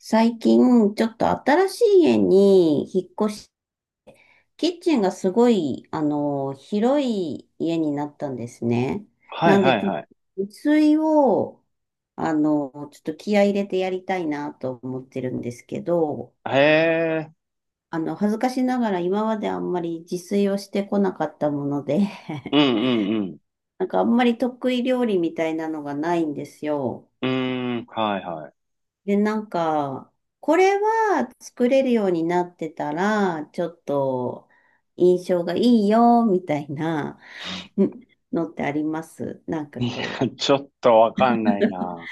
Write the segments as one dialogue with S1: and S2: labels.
S1: 最近、ちょっと新しい家に引っ越し、キッチンがすごい、広い家になったんですね。
S2: は
S1: な
S2: い
S1: ん
S2: は
S1: で、
S2: い
S1: ちょっと
S2: はい。
S1: 自炊を、ちょっと気合い入れてやりたいなと思ってるんですけど、
S2: へえ。
S1: 恥ずかしながら今まであんまり自炊をしてこなかったもので
S2: う んうん
S1: なんかあんまり得意料理みたいなのがないんですよ。
S2: うん。うーん、はいは
S1: で、なんか、これは作れるようになってたら、ちょっと印象がいいよ、みたいなうんのってありますなんか
S2: い。いや、
S1: こう、
S2: ちょっとわかんないな。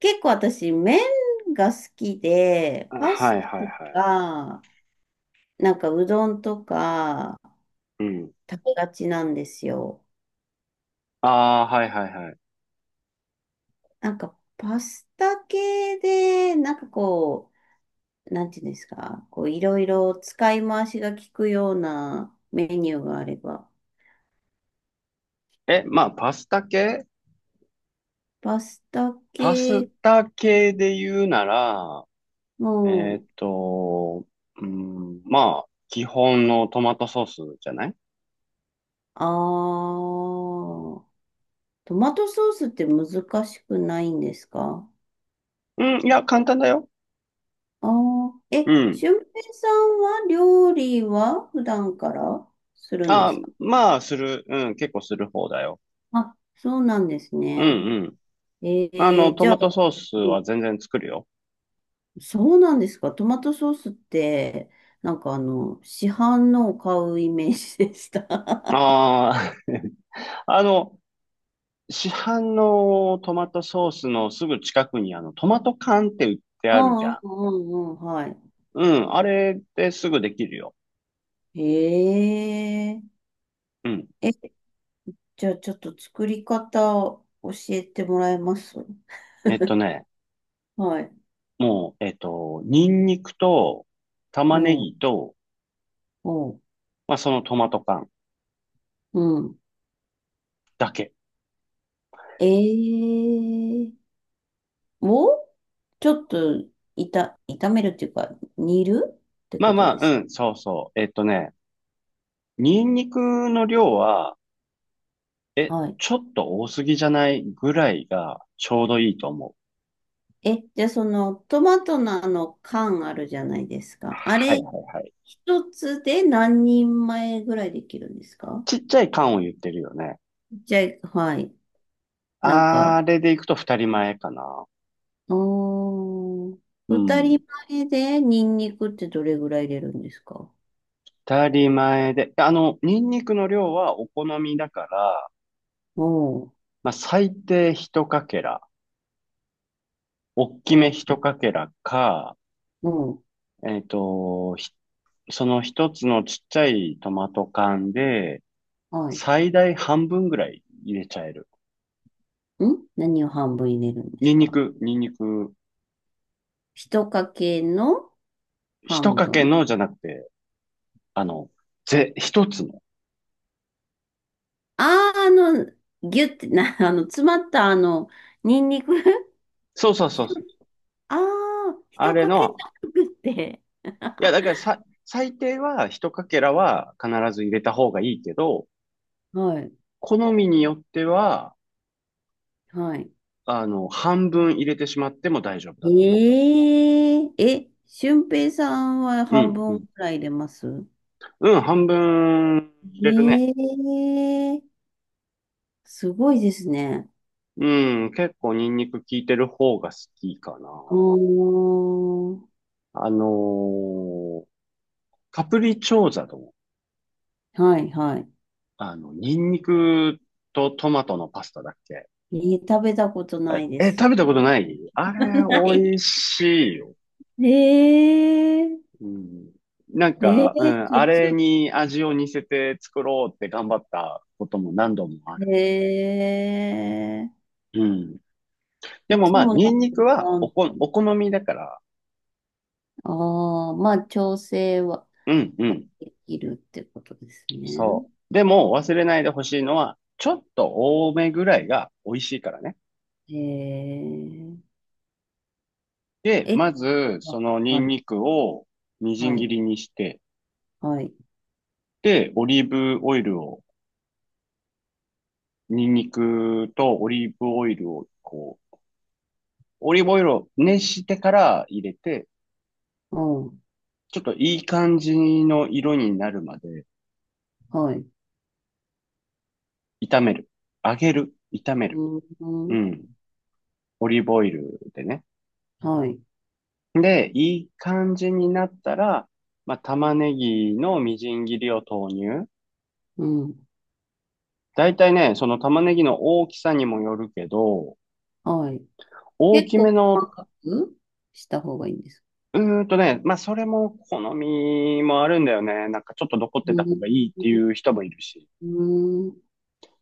S1: 結構私、麺が好きで、
S2: あ、
S1: パ
S2: は
S1: ス
S2: い
S1: タ
S2: はい
S1: と
S2: はい。
S1: か、なんかうどんとか
S2: うん。
S1: 食べがちなんですよ。
S2: ああ、はいはいはい。
S1: なんかパスタ系で、なんかこう、なんていうんですか、こう、いろいろ使い回しが効くようなメニューがあれば。
S2: まあ、パスタ系、
S1: パスタ
S2: パス
S1: 系
S2: タ系で言うなら、えー
S1: も、
S2: っと、うん、まあ、基本のトマトソースじゃない？
S1: あー、トマトソースって難しくないんですか？
S2: うん、いや、簡単だよ。
S1: あ
S2: うん。
S1: 俊平さんは料理は普段からするんで
S2: あ、
S1: すか？
S2: まあ、する。うん、結構する方だよ。
S1: あ、そうなんです
S2: う
S1: ね。
S2: んうん。あの、ト
S1: じゃあ、
S2: マトソース
S1: うん
S2: は全然作るよ。
S1: そうなんですか？トマトソースって、なんか市販のを買うイメージでした。
S2: ああ、あの、市販のトマトソースのすぐ近くにあの、トマト缶って売って
S1: う
S2: あるじ
S1: ん
S2: ゃん。
S1: うんうんうん、はい。
S2: うん、あれですぐできるよ。
S1: へ
S2: うん。
S1: え。じゃあちょっと作り方を教えてもらえます
S2: えっとね、
S1: はい。
S2: もう、えっと、ニンニクと
S1: う
S2: 玉ねぎ
S1: ん、
S2: と、
S1: うん、
S2: まあそのトマト缶
S1: うん。
S2: だけ。
S1: えー、をちょっと炒めるっていうか、煮るって
S2: まあ
S1: こと
S2: まあ、
S1: です
S2: うん、そうそう。えっとね、ニンニクの量は、
S1: か？はい。
S2: ちょっと多すぎじゃないぐらいがちょうどいいと思う。
S1: え、じゃあそのトマトのあの缶あるじゃないですか。あ
S2: はい
S1: れ、
S2: はいはい。
S1: 一つで何人前ぐらいできるんですか？
S2: ちっちゃい缶を言ってるよね？
S1: じゃあ、はい。なんか、
S2: あれでいくと二人前かな。
S1: あー
S2: う
S1: 二
S2: ん。
S1: 人前でニンニクってどれぐらい入れるんですか？
S2: 当たり前で。あの、ニンニクの量はお好みだから、
S1: おー
S2: まあ、最低一かけら、大き
S1: お
S2: め
S1: ー、
S2: 一かけらか、
S1: おー、
S2: えっと、ひその一つのちっちゃいトマト缶で、
S1: はい。
S2: 最大半分ぐらい入れちゃえる。
S1: 何を半分入れるんで
S2: ニ
S1: す
S2: ンニ
S1: か？
S2: ク、ニンニク、
S1: 一かけの
S2: 一
S1: 半
S2: かけ
S1: 分？
S2: のじゃなくて、あの、一つの。
S1: あー、あの、ギュってな、詰まったニンニク。
S2: そうそう そう
S1: 一
S2: そう。
S1: あー、
S2: あ
S1: 一
S2: れ
S1: かけじ
S2: の、
S1: ゃなくて。
S2: いや、だからさ、最低は一かけらは必ず入れた方がいいけど、
S1: はい、
S2: 好みによっては、
S1: はい。
S2: あの、半分入れてしまっても大丈夫
S1: え
S2: だと思
S1: えー、え、俊平さんは
S2: う。う
S1: 半
S2: ん、う
S1: 分ぐ
S2: ん。
S1: らい入れます
S2: うん、半分入れるね。
S1: ええ、すごいですね。
S2: うん、結構ニンニク効いてる方が好きかな。
S1: おー、
S2: あのーカプリチョーザの、
S1: はいは
S2: あの、ニンニクとトマトのパスタだっけ？
S1: い。食べたこと
S2: あ
S1: な
S2: れ、
S1: いです。
S2: 食べたことない？あれ、
S1: ない。
S2: 美味しいよ。
S1: えー、
S2: うん。なんか、うん、
S1: ちょ
S2: あ
S1: っ
S2: れ
S1: と、
S2: に味を似せて作ろうって頑張ったことも何度もある。
S1: え
S2: うん。で
S1: い
S2: も
S1: つ
S2: まあ、
S1: もなん
S2: ニ
S1: か
S2: ンニク
S1: ラ
S2: は
S1: ーメン、
S2: お好みだから、
S1: ああ、まあ、調整は、
S2: うんう
S1: は
S2: ん、
S1: できるってことですね。
S2: そう。でも忘れないでほしいのは、ちょっと多めぐらいが美味しいからね。
S1: えー、
S2: で、
S1: え、
S2: まず、
S1: あ、
S2: そのニ
S1: は
S2: ン
S1: い、
S2: ニクをみじ
S1: は
S2: ん切
S1: い、
S2: りにして、
S1: はい、
S2: で、オリーブオイルを、ニンニクとオリーブオイルを、こう、オリーブオイルを熱してから入れて、
S1: うん、
S2: ちょっといい感じの色になるまで
S1: はい、
S2: 炒める。揚げる。炒める。
S1: うん、う
S2: う
S1: ん、
S2: ん。オリーブオイルでね。
S1: はい、
S2: で、いい感じになったら、まあ、玉ねぎのみじん切りを投入。
S1: うん、
S2: だいたいね、その玉ねぎの大きさにもよるけど、
S1: はい。
S2: 大
S1: 結
S2: きめ
S1: 構細
S2: の、
S1: かくした方がいいんです
S2: うーんとね、まあ、それも好みもあるんだよね。なんかちょっと残っ
S1: う
S2: てた方
S1: ー
S2: がいいってい
S1: ん。
S2: う人もいるし。
S1: うーん、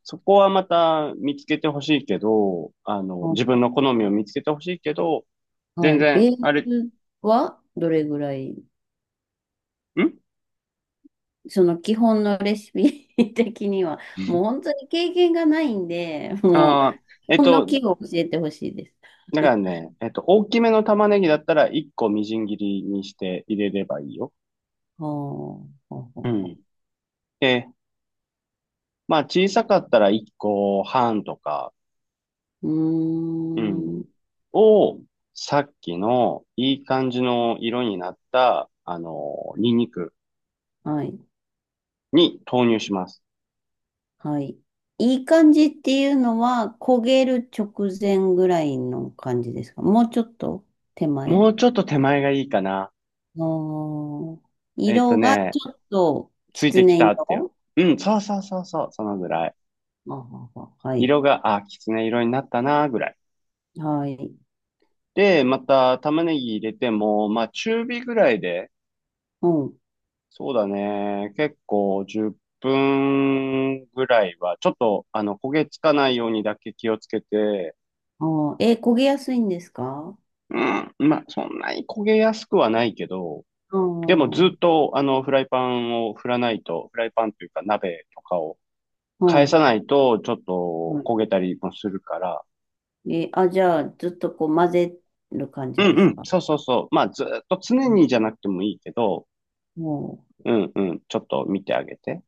S2: そこはまた見つけてほしいけど、あの、自分
S1: あ、
S2: の好みを見つけてほしいけど、
S1: は
S2: 全
S1: い。
S2: 然、
S1: ベー
S2: あれ、
S1: スはどれぐらい、
S2: ん
S1: その基本のレシピ 的には、もう本当に経験がないんで、もう
S2: ああー、
S1: 基
S2: えっ
S1: 本の
S2: と、
S1: 器具を教えてほしいです。
S2: だから ね、えっと、大きめの玉ねぎだったら1個みじん切りにして入れればいいよ。
S1: はあ、はあ、
S2: う
S1: はあ、
S2: ん。で、まあ小さかったら1個半とか、
S1: う
S2: うん、
S1: ーん。
S2: を、さっきのいい感じの色になった、あの、ニンニク
S1: はい。
S2: に投入します。
S1: はい。いい感じっていうのは、焦げる直前ぐらいの感じですか？もうちょっと手前？
S2: もうちょっと手前がいいかな。
S1: あー
S2: えっと
S1: 色がち
S2: ね、
S1: ょっとき
S2: つい
S1: つ
S2: てき
S1: ね
S2: たっていう。
S1: 色？
S2: うん、そうそうそうそう、そのぐらい。
S1: あはは、はい。
S2: 色が、あ、きつね色になったな、ぐらい。
S1: はい。
S2: で、また玉ねぎ入れても、まあ中火ぐらいで、
S1: うん。
S2: そうだね。結構10分ぐらいは、ちょっと、あの、焦げつかないようにだけ気をつけて、
S1: ああ、え、焦げやすいんですか？
S2: うん、まあ、そんなに焦げやすくはないけど、
S1: あ
S2: でもず
S1: あ、
S2: っと、あの、フライパンを振らないと、フライパンというか鍋とかを
S1: う
S2: 返さ
S1: ん。
S2: ないと、ちょっと
S1: は
S2: 焦げたりもするから、
S1: い。え、あ、じゃあ、ずっとこう混ぜる感
S2: う
S1: じ
S2: ん
S1: で
S2: う
S1: す
S2: ん、
S1: か？
S2: そうそうそう。まあ、ずっと常にじゃなくてもいいけど、
S1: も
S2: うんうん、ちょっと見てあげて。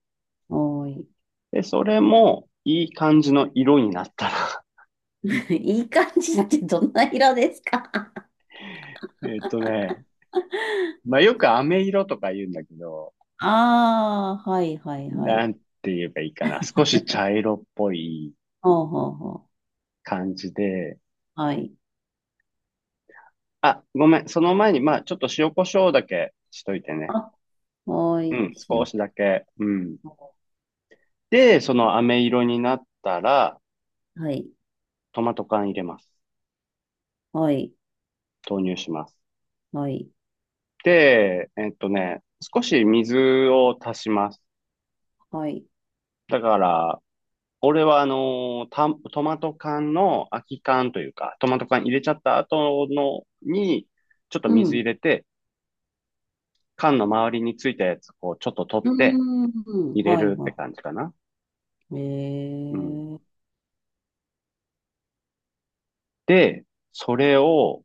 S1: う、はい。
S2: で、それも、いい感じの色になったら、
S1: いい感じってどんな色ですか？
S2: えっとね、まあよく飴色とか言うんだけど、
S1: ああ、はいはいは
S2: な
S1: い。
S2: んて言えばいいかな。少し茶色っぽい
S1: ほうほうほう。
S2: 感じで。
S1: はい。
S2: あ、ごめん。その前に、まあちょっと塩コショウだけしといてね。
S1: あ、は
S2: うん、
S1: い。し
S2: 少
S1: よ
S2: しだけ。うん。
S1: う。
S2: で、その飴色になったら、
S1: はい。
S2: トマト缶入れます。
S1: はい。
S2: 投入します。
S1: はい。
S2: で、えっとね、少し水を足します。
S1: はい。
S2: だから、俺はあのーた、トマト缶の空き缶というか、トマト缶入れちゃった後のに、ちょっと
S1: う
S2: 水入
S1: ん。
S2: れて、缶の周りについたやつ、こう、ちょっと取っ
S1: うー
S2: て
S1: ん。
S2: 入れ
S1: はい
S2: るって
S1: は
S2: 感じかな。うん。
S1: い。ええ、
S2: で、それを、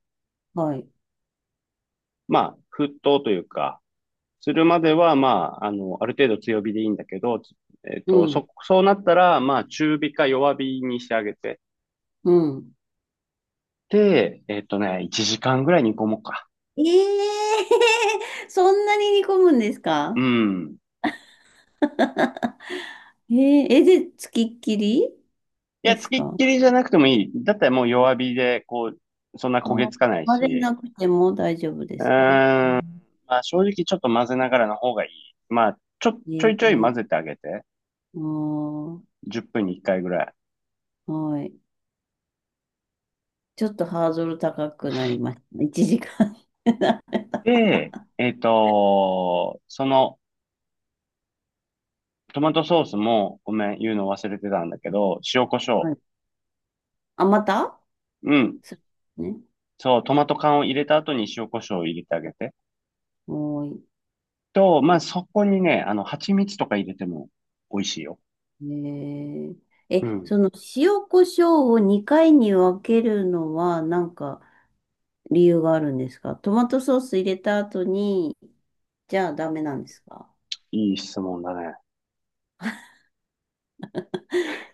S1: はい。
S2: まあ、沸騰というか、するまでは、まあ、あの、ある程度強火でいいんだけど、えっ
S1: う
S2: と、
S1: ん。
S2: そうなったら、まあ、中火か弱火にしてあげて、
S1: うん。
S2: で、えっとね、1時間ぐらい煮込もうか。
S1: ええ、 そんなに煮込むんです
S2: う
S1: か？
S2: ん。
S1: えええ、で、つきっきり
S2: い
S1: で
S2: や、つ
S1: す
S2: きっ
S1: か？
S2: きりじゃなくてもいい。だったらもう弱火で、こう、そんな焦げ
S1: あ、
S2: つかない
S1: 混ぜ
S2: し。
S1: なくても大丈夫で
S2: うー
S1: すか？
S2: ん、
S1: うん、
S2: まあ正直ちょっと混ぜながらの方がいい。まあ、ちょい
S1: え
S2: ちょい混ぜ
S1: え、
S2: てあげて。
S1: あー
S2: 10分に1回ぐらい。
S1: はい。ちょっとハードル高くなりましたね。1時間。
S2: で、えっと、その、トマトソースも、ごめん、言うの忘れてたんだけど、塩コショ
S1: は
S2: ウ。
S1: い。あ、また、
S2: うん。
S1: そうですね。
S2: そう、トマト缶を入れた後に塩コショウを入れてあげて。
S1: はい、
S2: と、まあそこにね、あの、蜂蜜とか入れても美味しいよ。
S1: ね、え
S2: う
S1: え、
S2: ん。
S1: その塩コショウを2回に分けるのはなんか理由があるんですか？トマトソース入れた後に、じゃあダメなんですか？
S2: いい質問だね。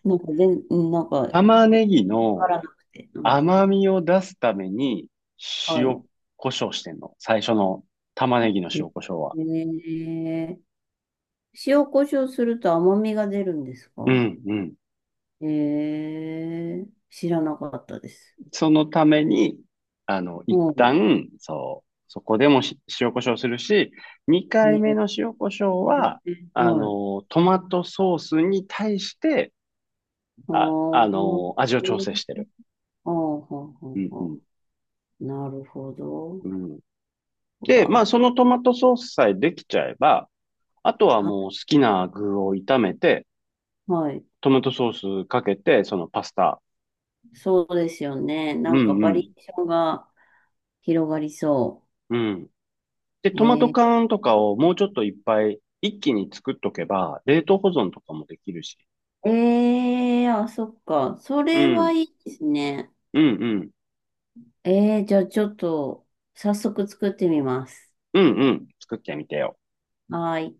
S1: なんか全、なんか、わ
S2: 玉ねぎ
S1: か
S2: の
S1: らなくて。うん、
S2: 甘みを出すために
S1: はい。
S2: 塩、胡椒してんの。最初の玉ねぎの
S1: へ
S2: 塩、胡椒は。
S1: え、塩コショウすると甘みが出るんです
S2: う
S1: か？
S2: ん、うん。
S1: へえ、知らなかったです。
S2: そのために、あの、一
S1: も
S2: 旦、そう、そこでもし塩、ョウするし、二
S1: う、
S2: 回
S1: ね
S2: 目の塩、胡椒は、
S1: え、
S2: あ
S1: はい。
S2: の、トマトソースに対して、
S1: あ
S2: あ
S1: ー、
S2: の、味
S1: あ
S2: を調
S1: ー、
S2: 整してる。
S1: はあ、はあ、
S2: うん、
S1: は
S2: う
S1: あ。なるほど。
S2: ん、うん。
S1: う
S2: で、まあ、
S1: わ、
S2: そのトマトソースさえできちゃえば、あとは
S1: は、
S2: もう好きな具を炒めて、
S1: はい。
S2: トマトソースかけて、そのパスタ。
S1: そうですよね。
S2: う
S1: なんか
S2: んう
S1: バ
S2: ん。
S1: リエーションが広がりそ
S2: うん。で、
S1: う。
S2: トマト缶とかをもうちょっといっぱい一気に作っとけば、冷凍保存とかもできるし。
S1: あ、そっか。そ
S2: う
S1: れは
S2: ん。
S1: いいですね。
S2: うんうん。
S1: じゃあちょっと、早速作ってみます。
S2: うんうん。作ってみてよ。
S1: はーい。